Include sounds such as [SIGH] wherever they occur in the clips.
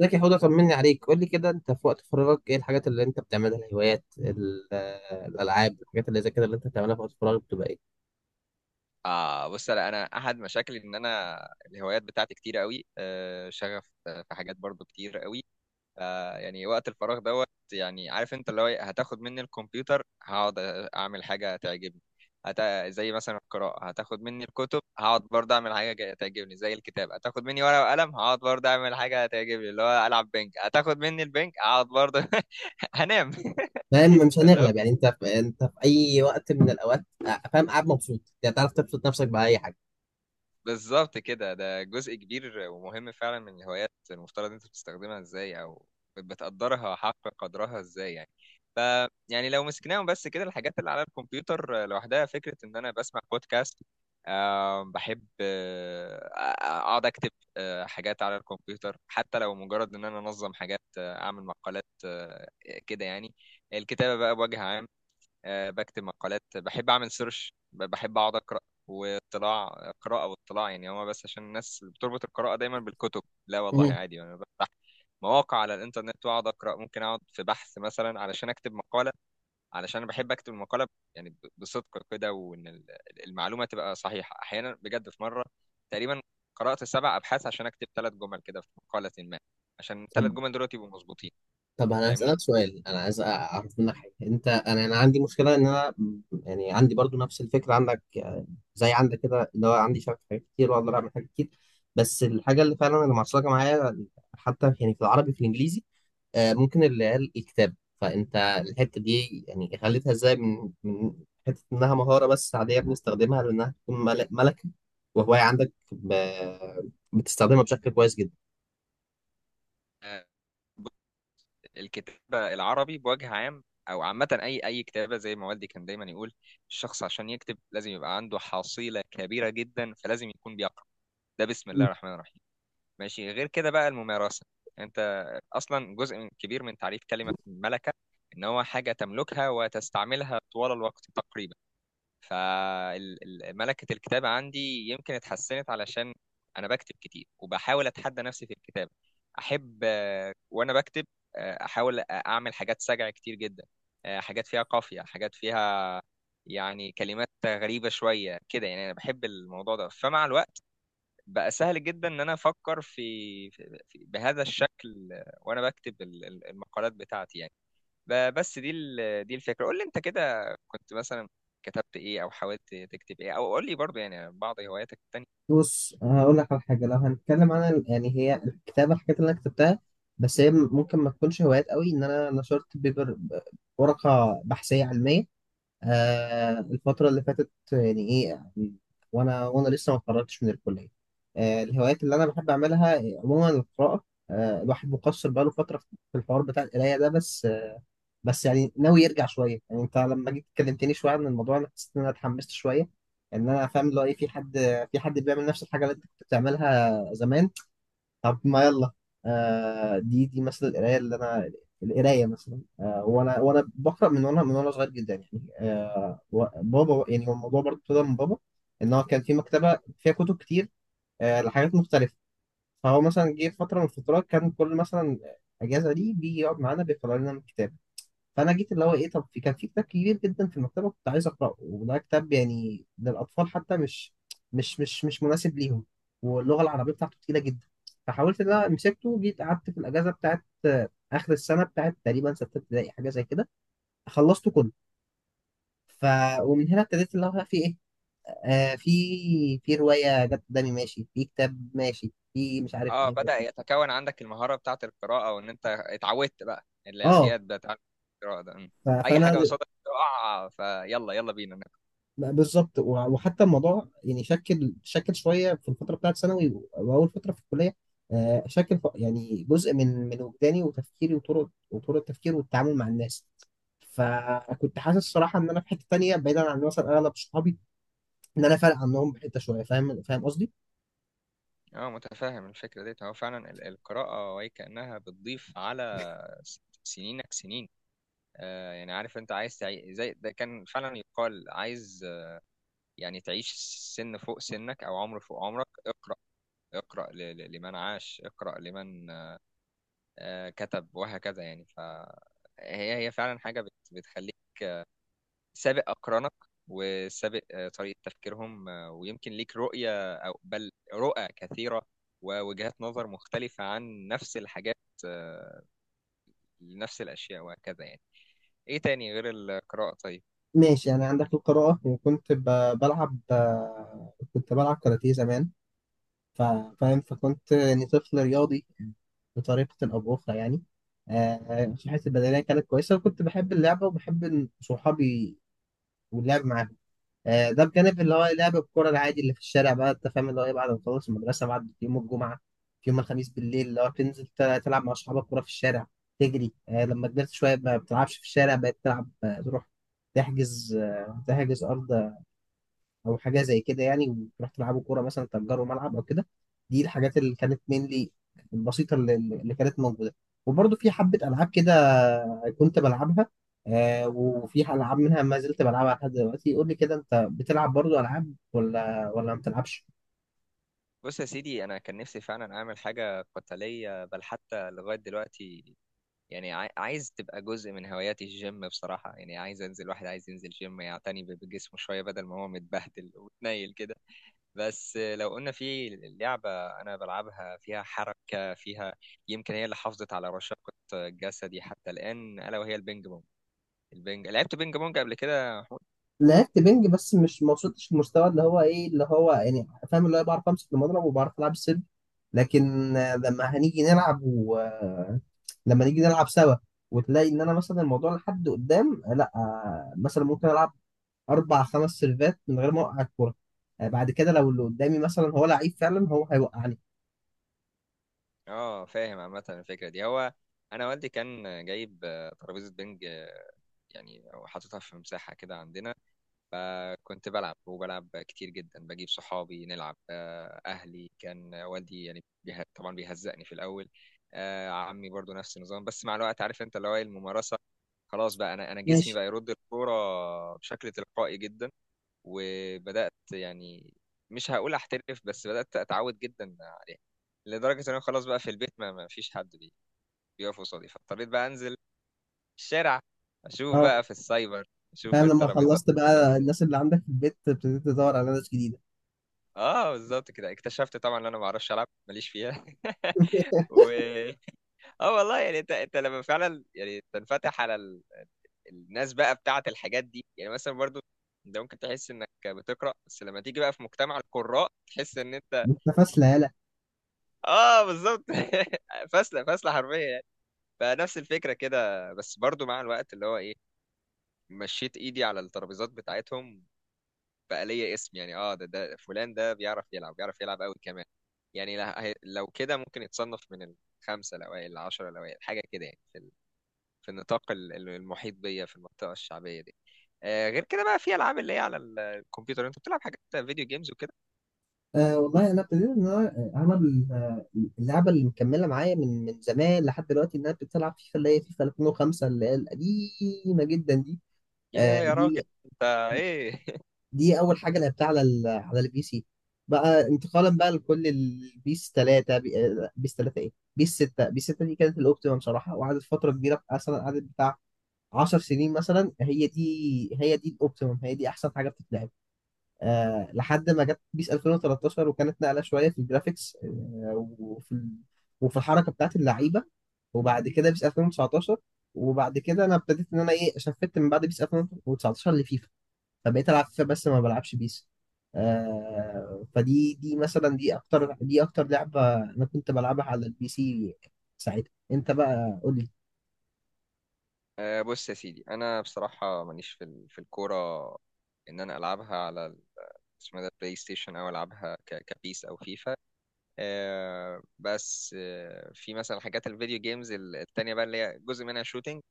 ازيك يا حوده؟ طمني عليك. قول لي كده، انت في وقت فراغك ايه الحاجات اللي انت بتعملها؟ الهوايات، الالعاب، الحاجات اللي زي كده اللي انت بتعملها في وقت فراغك بتبقى ايه؟ اه بص، انا احد مشاكلي ان انا الهوايات بتاعتي كتير قوي، شغف، في حاجات برضو كتير قوي. يعني وقت الفراغ دوت. يعني عارف انت اللي هو إيه، هتاخد مني الكمبيوتر هقعد اعمل حاجه تعجبني. هت... زي مثلا القراءه، هتاخد مني الكتب هقعد برضه اعمل حاجه تعجبني. زي الكتاب، هتاخد مني ورقه وقلم هقعد برضه اعمل حاجه تعجبني. اللي هو العب بنج، هتاخد مني البنج هقعد برضه [LAUGHS] هنام [LAUGHS] فاهم؟ مش هنغلب يعني. انت في اي وقت من الاوقات، فاهم، قاعد مبسوط؟ يعني تعرف تبسط نفسك باي حاجه؟ بالظبط كده، ده جزء كبير ومهم فعلا من الهوايات. المفترض انت بتستخدمها ازاي او بتقدرها حق قدرها ازاي يعني. ف يعني لو مسكناهم بس كده، الحاجات اللي على الكمبيوتر لوحدها، فكرة ان انا بسمع بودكاست، بحب اقعد اكتب، حاجات على الكمبيوتر، حتى لو مجرد ان انا انظم حاجات، اعمل مقالات، كده يعني. الكتابة بقى بوجه عام، بكتب مقالات، بحب اعمل سيرش، بحب اقعد اقرا واطلاع. قراءه واطلاع، يعني هو بس عشان الناس بتربط القراءه دايما بالكتب. لا والله مم. عادي، انا بفتح مواقع على الانترنت واقعد اقرا. ممكن اقعد في بحث مثلا علشان اكتب مقاله. علشان انا بحب اكتب المقاله يعني بصدق كده، وان المعلومه تبقى صحيحه. احيانا بجد في مره تقريبا قرات 7 ابحاث عشان اكتب 3 جمل كده في مقاله ما، عشان الثلاث طب جمل دول يبقوا مظبوطين. طب انا هسألك فاهمني. سؤال، انا عايز اعرف منك حاجه. انت، انا عندي مشكله ان انا يعني عندي برضو نفس الفكره عندك، زي عندك كده، اللي هو عندي شغف في حاجات كتير واقدر اعمل حاجات كتير. بس الحاجه اللي فعلا اللي معصلجه معايا، حتى يعني في العربي في الانجليزي، ممكن العيال الكتاب. فانت الحته دي يعني خليتها ازاي؟ من حته انها مهاره بس عاديه بنستخدمها لانها تكون ملكه وهوايه عندك، بتستخدمها بشكل كويس جدا. آه، الكتابة العربي بوجه عام، أو عامة أي كتابة، زي ما والدي كان دايما يقول، الشخص عشان يكتب لازم يبقى عنده حصيلة كبيرة جدا، فلازم يكون بيقرأ. ده بسم الله الرحمن الرحيم. ماشي، غير كده بقى الممارسة. أنت أصلا جزء من كبير من تعريف كلمة ملكة، إن هو حاجة تملكها وتستعملها طوال الوقت تقريبا. فملكة الكتابة عندي يمكن اتحسنت علشان أنا بكتب كتير، وبحاول أتحدى نفسي في الكتابة. أحب، وأنا بكتب أحاول أعمل حاجات سجع كتير جدا، حاجات فيها قافية، حاجات فيها يعني كلمات غريبة شوية كده. يعني أنا بحب الموضوع ده، فمع الوقت بقى سهل جدا إن أنا أفكر بهذا الشكل. وأنا بكتب المقالات بتاعتي يعني. بس دي دي الفكره. قول لي انت كده، كنت مثلا كتبت ايه او حاولت تكتب ايه؟ او قول لي برضه يعني بعض هواياتك التانية. بص هقول لك على حاجة. لو هنتكلم عن يعني هي الكتابة، الحاجات اللي أنا كتبتها بس هي ممكن ما تكونش هوايات قوي، إن أنا نشرت بيبر، ورقة بحثية علمية، آه، الفترة اللي فاتت يعني، إيه يعني، وأنا لسه ما اتخرجتش من الكلية. آه، الهوايات اللي أنا بحب أعملها عموما القراءة. آه، الواحد مقصر بقاله فترة في الحوار بتاع القراية ده، بس آه، بس يعني ناوي يرجع شوية. يعني أنت لما جيت كلمتني شوية عن الموضوع، أنا حسيت إن أنا اتحمست شوية، إن أنا فاهم اللي هو إيه في حد، في حد بيعمل نفس الحاجة اللي أنت كنت بتعملها زمان. طب ما يلا. آه، دي مثلا القرايه اللي انا، القرايه مثلا، آه وانا بقرا من وانا صغير جدا يعني، آه بابا يعني هو الموضوع برضه ابتدى من بابا، ان هو كان في مكتبه فيها كتب كتير، آه، لحاجات مختلفه. فهو مثلا جه في فتره من الفترات كان كل مثلا اجازه دي بيجي يقعد معانا بيقرا لنا من كتاب. فانا جيت اللي هو ايه، طب في، كان في كتاب كبير جدا في المكتبه كنت عايز اقراه، وده كتاب يعني للاطفال حتى، مش مش مناسب ليهم، واللغه العربيه بتاعته تقيله جدا. فحاولت ان انا مسكته، جيت قعدت في الاجازه بتاعت، اخر السنه، بتاعت تقريبا سته ابتدائي حاجه زي كده، خلصته كله. ف، ومن هنا ابتديت اللي هو في ايه، آه، في، في روايه جت قدامي، ماشي، في كتاب، ماشي، في مش عارف اه، ايه. بدأ يتكون عندك المهاره بتاعه القراءه، وان انت اتعودت بقى. اه، الاعتياد بتاع القراءه ده، اي فانا، حاجه قصادك تقع فيلا، يلا بينا نقرا. بالظبط. وحتى الموضوع يعني شكل شويه في الفتره بتاعت ثانوي واول فتره في الكليه، آه، شكل يعني جزء من وجداني وتفكيري وطرق التفكير والتعامل مع الناس. فكنت حاسس صراحه ان انا في حته تانيه بعيدا عن مثلا اغلب صحابي، ان انا فارق عنهم بحته شويه. فاهم؟ فاهم قصدي؟ اه متفاهم الفكره ديت. هو فعلا القراءه وهي كانها بتضيف على سنينك سنين. يعني عارف انت عايز زي ده كان فعلا يقال، عايز يعني تعيش سن فوق سنك او عمر فوق عمرك. اقرأ، اقرأ لمن عاش، اقرأ لمن كتب، وهكذا يعني. فهي هي فعلا حاجة بتخليك سابق أقرانك، وسابق طريقة تفكيرهم، ويمكن ليك رؤية أو بل رؤى كثيرة، ووجهات نظر مختلفة عن نفس الحاجات، آه، لنفس الأشياء، وهكذا يعني. إيه تاني غير القراءة طيب؟ ماشي يعني عندك القراءه، وكنت بلعب، آه، كنت بلعب كاراتيه زمان، ف- فاهم؟ فكنت يعني طفل رياضي بطريقة أو بأخرى يعني. آه، صحتي البدنية كانت كويسة، وكنت بحب اللعبة وبحب إن صحابي واللعب معاهم. آه، ده بجانب اللي هو لعب الكورة العادي اللي في الشارع. بقى أنت فاهم اللي هو إيه، بعد ما تخلص المدرسة، بعد يوم الجمعة، في يوم الخميس بالليل، اللي هو تنزل تلعب مع أصحابك كورة في الشارع، تجري. آه، لما كبرت شوية ما بتلعبش في الشارع، بقيت تلعب، آه، تروح تحجز، آه، تحجز أرض او حاجه زي كده يعني، وتروح تلعبوا كوره، مثلا تأجروا ملعب او كده. دي الحاجات اللي كانت مينلي البسيطه اللي كانت موجوده. وبرضه في حبه العاب كده كنت بلعبها، آه، وفي العاب منها ما زلت بلعبها لحد دلوقتي. قول لي كده، انت بتلعب برضه العاب ولا ما بتلعبش؟ بص يا سيدي، أنا كان نفسي فعلا أعمل حاجة قتالية، بل حتى لغاية دلوقتي يعني عايز تبقى جزء من هواياتي الجيم بصراحة. يعني عايز انزل، واحد عايز ينزل جيم يعتني بجسمه شوية بدل ما هو متبهدل ومتنيل كده. بس لو قلنا في لعبة انا بلعبها فيها حركة فيها، يمكن هي اللي حافظت على رشاقة جسدي حتى الآن، ألا وهي البينج بونج. البينج، لعبت بينج بونج قبل كده يا محمود؟ لعبت بنج بس مش، ما وصلتش للمستوى اللي هو ايه، اللي هو يعني فاهم، اللي هو بعرف امسك المضرب وبعرف العب السلم. لكن آه، لما هنيجي نلعب و، آه، لما نيجي نلعب سوا، وتلاقي ان انا مثلا الموضوع لحد قدام، آه، لا، آه، مثلا ممكن العب اربع خمس سيرفات من غير ما اوقع الكوره. آه، بعد كده لو اللي قدامي مثلا هو لعيب فعلا، هو هيوقعني. اه فاهم. عامة الفكرة دي، هو انا والدي كان جايب ترابيزة بينج، يعني وحاططها في مساحة كده عندنا. فكنت بلعب وبلعب كتير جدا، بجيب صحابي نلعب، أهلي كان والدي يعني طبعا بيهزقني في الأول، عمي برضو نفس النظام. بس مع الوقت عارف انت اللي هو إيه، الممارسة. خلاص بقى انا، انا جسمي ماشي. بقى يرد الكوره بشكل تلقائي جدا. وبدات يعني، مش هقول احترف، بس بدات اتعود جدا عليها، لدرجه ان انا خلاص بقى في البيت ما فيش حد بيقف قصادي. فاضطريت بقى انزل الشارع، اشوف اه بقى في السايبر، اشوف فاهم، لما الترابيزات خلصت بقى هنا. الناس اللي عندك في البيت ابتديت تدور على ناس جديده. اه بالظبط كده، اكتشفت طبعا ان انا ما اعرفش العب، ماليش فيها [LAUGHS] و اه والله. يعني انت لما فعلا يعني تنفتح على الناس بقى بتاعه الحاجات دي، يعني مثلا برضو انت ممكن تحس انك بتقرا، بس لما تيجي بقى في مجتمع القراء تحس ان انت. [LAUGHS] انت فاشله! اه بالظبط [LAUGHS] فاسله فاسله حرفيا يعني. فنفس الفكره كده، بس برضو مع الوقت اللي هو ايه، مشيت ايدي على الترابيزات بتاعتهم، بقى ليا اسم. يعني اه، ده فلان ده بيعرف يلعب، بيعرف يلعب قوي كمان. يعني لو كده ممكن يتصنف من الخمسة الأوائل، العشرة الأوائل، حاجة كده يعني، في في النطاق المحيط بيا في المنطقة الشعبية دي. غير كده بقى، في ألعاب اللي هي على الكمبيوتر، أنت بتلعب حاجات فيديو جيمز وكده؟ أه والله، انا ابتديت ان انا، اللعبه اللي مكمله معايا من زمان لحد دلوقتي، ان انا ابتديت العب فيفا، اللي هي فيفا 2005 اللي هي القديمه جدا دي. يا أه، يا راجل دي أنت، إيه؟ [LAUGHS] دي اول حاجه لعبتها على على البي سي. بقى انتقالا بقى لكل البيس 3، بيس 3، ايه، بيس 6. بيس 6 دي كانت الاوبتيمم بصراحه، وقعدت فتره كبيره، مثلا قعدت بتاع 10 سنين مثلا. هي دي، هي دي الاوبتيمم، هي دي احسن حاجه بتتلعب، آه، لحد ما جت بيس 2013 وكانت نقله شويه في الجرافيكس، آه، وفي الحركه بتاعت اللعيبه. وبعد كده بيس 2019، وبعد كده انا ابتديت ان انا ايه، شفت من بعد بيس 2019 لفيفا، فبقيت العب فيفا بس ما بلعبش بيس. آه، فدي دي مثلا، دي اكتر لعبه انا كنت بلعبها على البي سي ساعتها. انت بقى قول لي. بص يا سيدي، أنا بصراحة ماليش في في الكورة. إن أنا ألعبها على اسمه ده البلاي ستيشن، أو ألعبها كبيس أو فيفا. بس في مثلا حاجات الفيديو جيمز التانية بقى، اللي هي جزء منها شوتينج.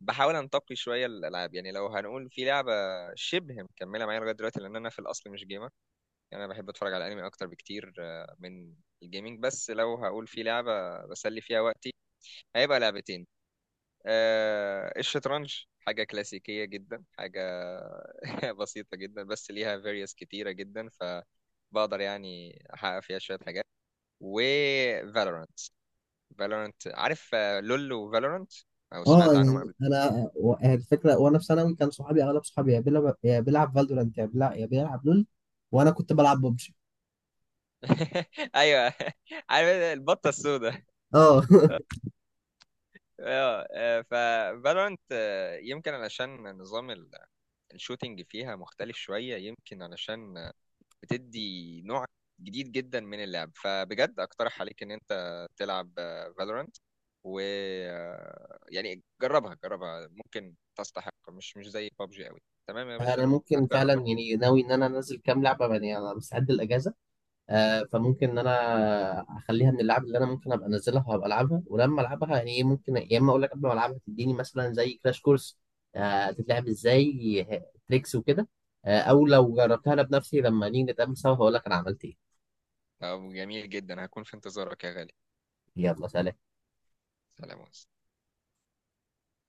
بحاول انتقي شوية الألعاب. يعني لو هنقول في لعبة شبه مكملة معايا لغاية دلوقتي، لأن أنا في الأصل مش جيمر. يعني أنا بحب أتفرج على أنمي أكتر بكتير من الجيمنج. بس لو هقول في لعبة بسلي فيها وقتي، هيبقى لعبتين، الشطرنج. حاجة كلاسيكية جدا، حاجة [LAUGHS] بسيطة جدا، بس ليها فيريوس كتيرة جدا، فبقدر يعني أحقق فيها شوية حاجات. و Valorant. فالورنت، عارف لول وفالورنت؟ او اه، سمعت عنهم يعني قبل؟ انا و، يعني الفكره وانا في ثانوي كان صحابي، اغلب صحابي يا بيلعب، يا بيلعب فالدورانت، يا بيلعب، يا بيلعب لول، وانا كنت بلعب ببجي. [LAUGHS] ايوه [LAUGHS] عارف البطه السوداء؟ [LAUGHS] اه [LAUGHS] اه، ففالورنت، يمكن علشان نظام الشوتينج فيها مختلف شويه، يمكن علشان بتدي نوع جديد جدا من اللعب. فبجد اقترح عليك ان انت تلعب فالورنت. و يعني جربها جربها، ممكن تستحق، مش زي بابجي قوي. تمام يا باشا؟ انا ممكن هتجرب؟ فعلا يعني ناوي ان انا انزل كام لعبه. يعني انا مستعد الاجازه، آه، فممكن ان انا اخليها من اللعب اللي انا ممكن ابقى انزلها وابقى العبها. ولما العبها يعني ايه، ممكن يا اما اقول لك قبل ما العبها تديني مثلا زي كراش كورس، آه، تتلعب ازاي، تريكس وكده، آه، او لو جربتها انا بنفسي لما نيجي نتقابل سوا هقول لك انا عملت ايه. طب جميل جدا، هكون في انتظارك يا غالي. يلا سلام. سلام عليكم.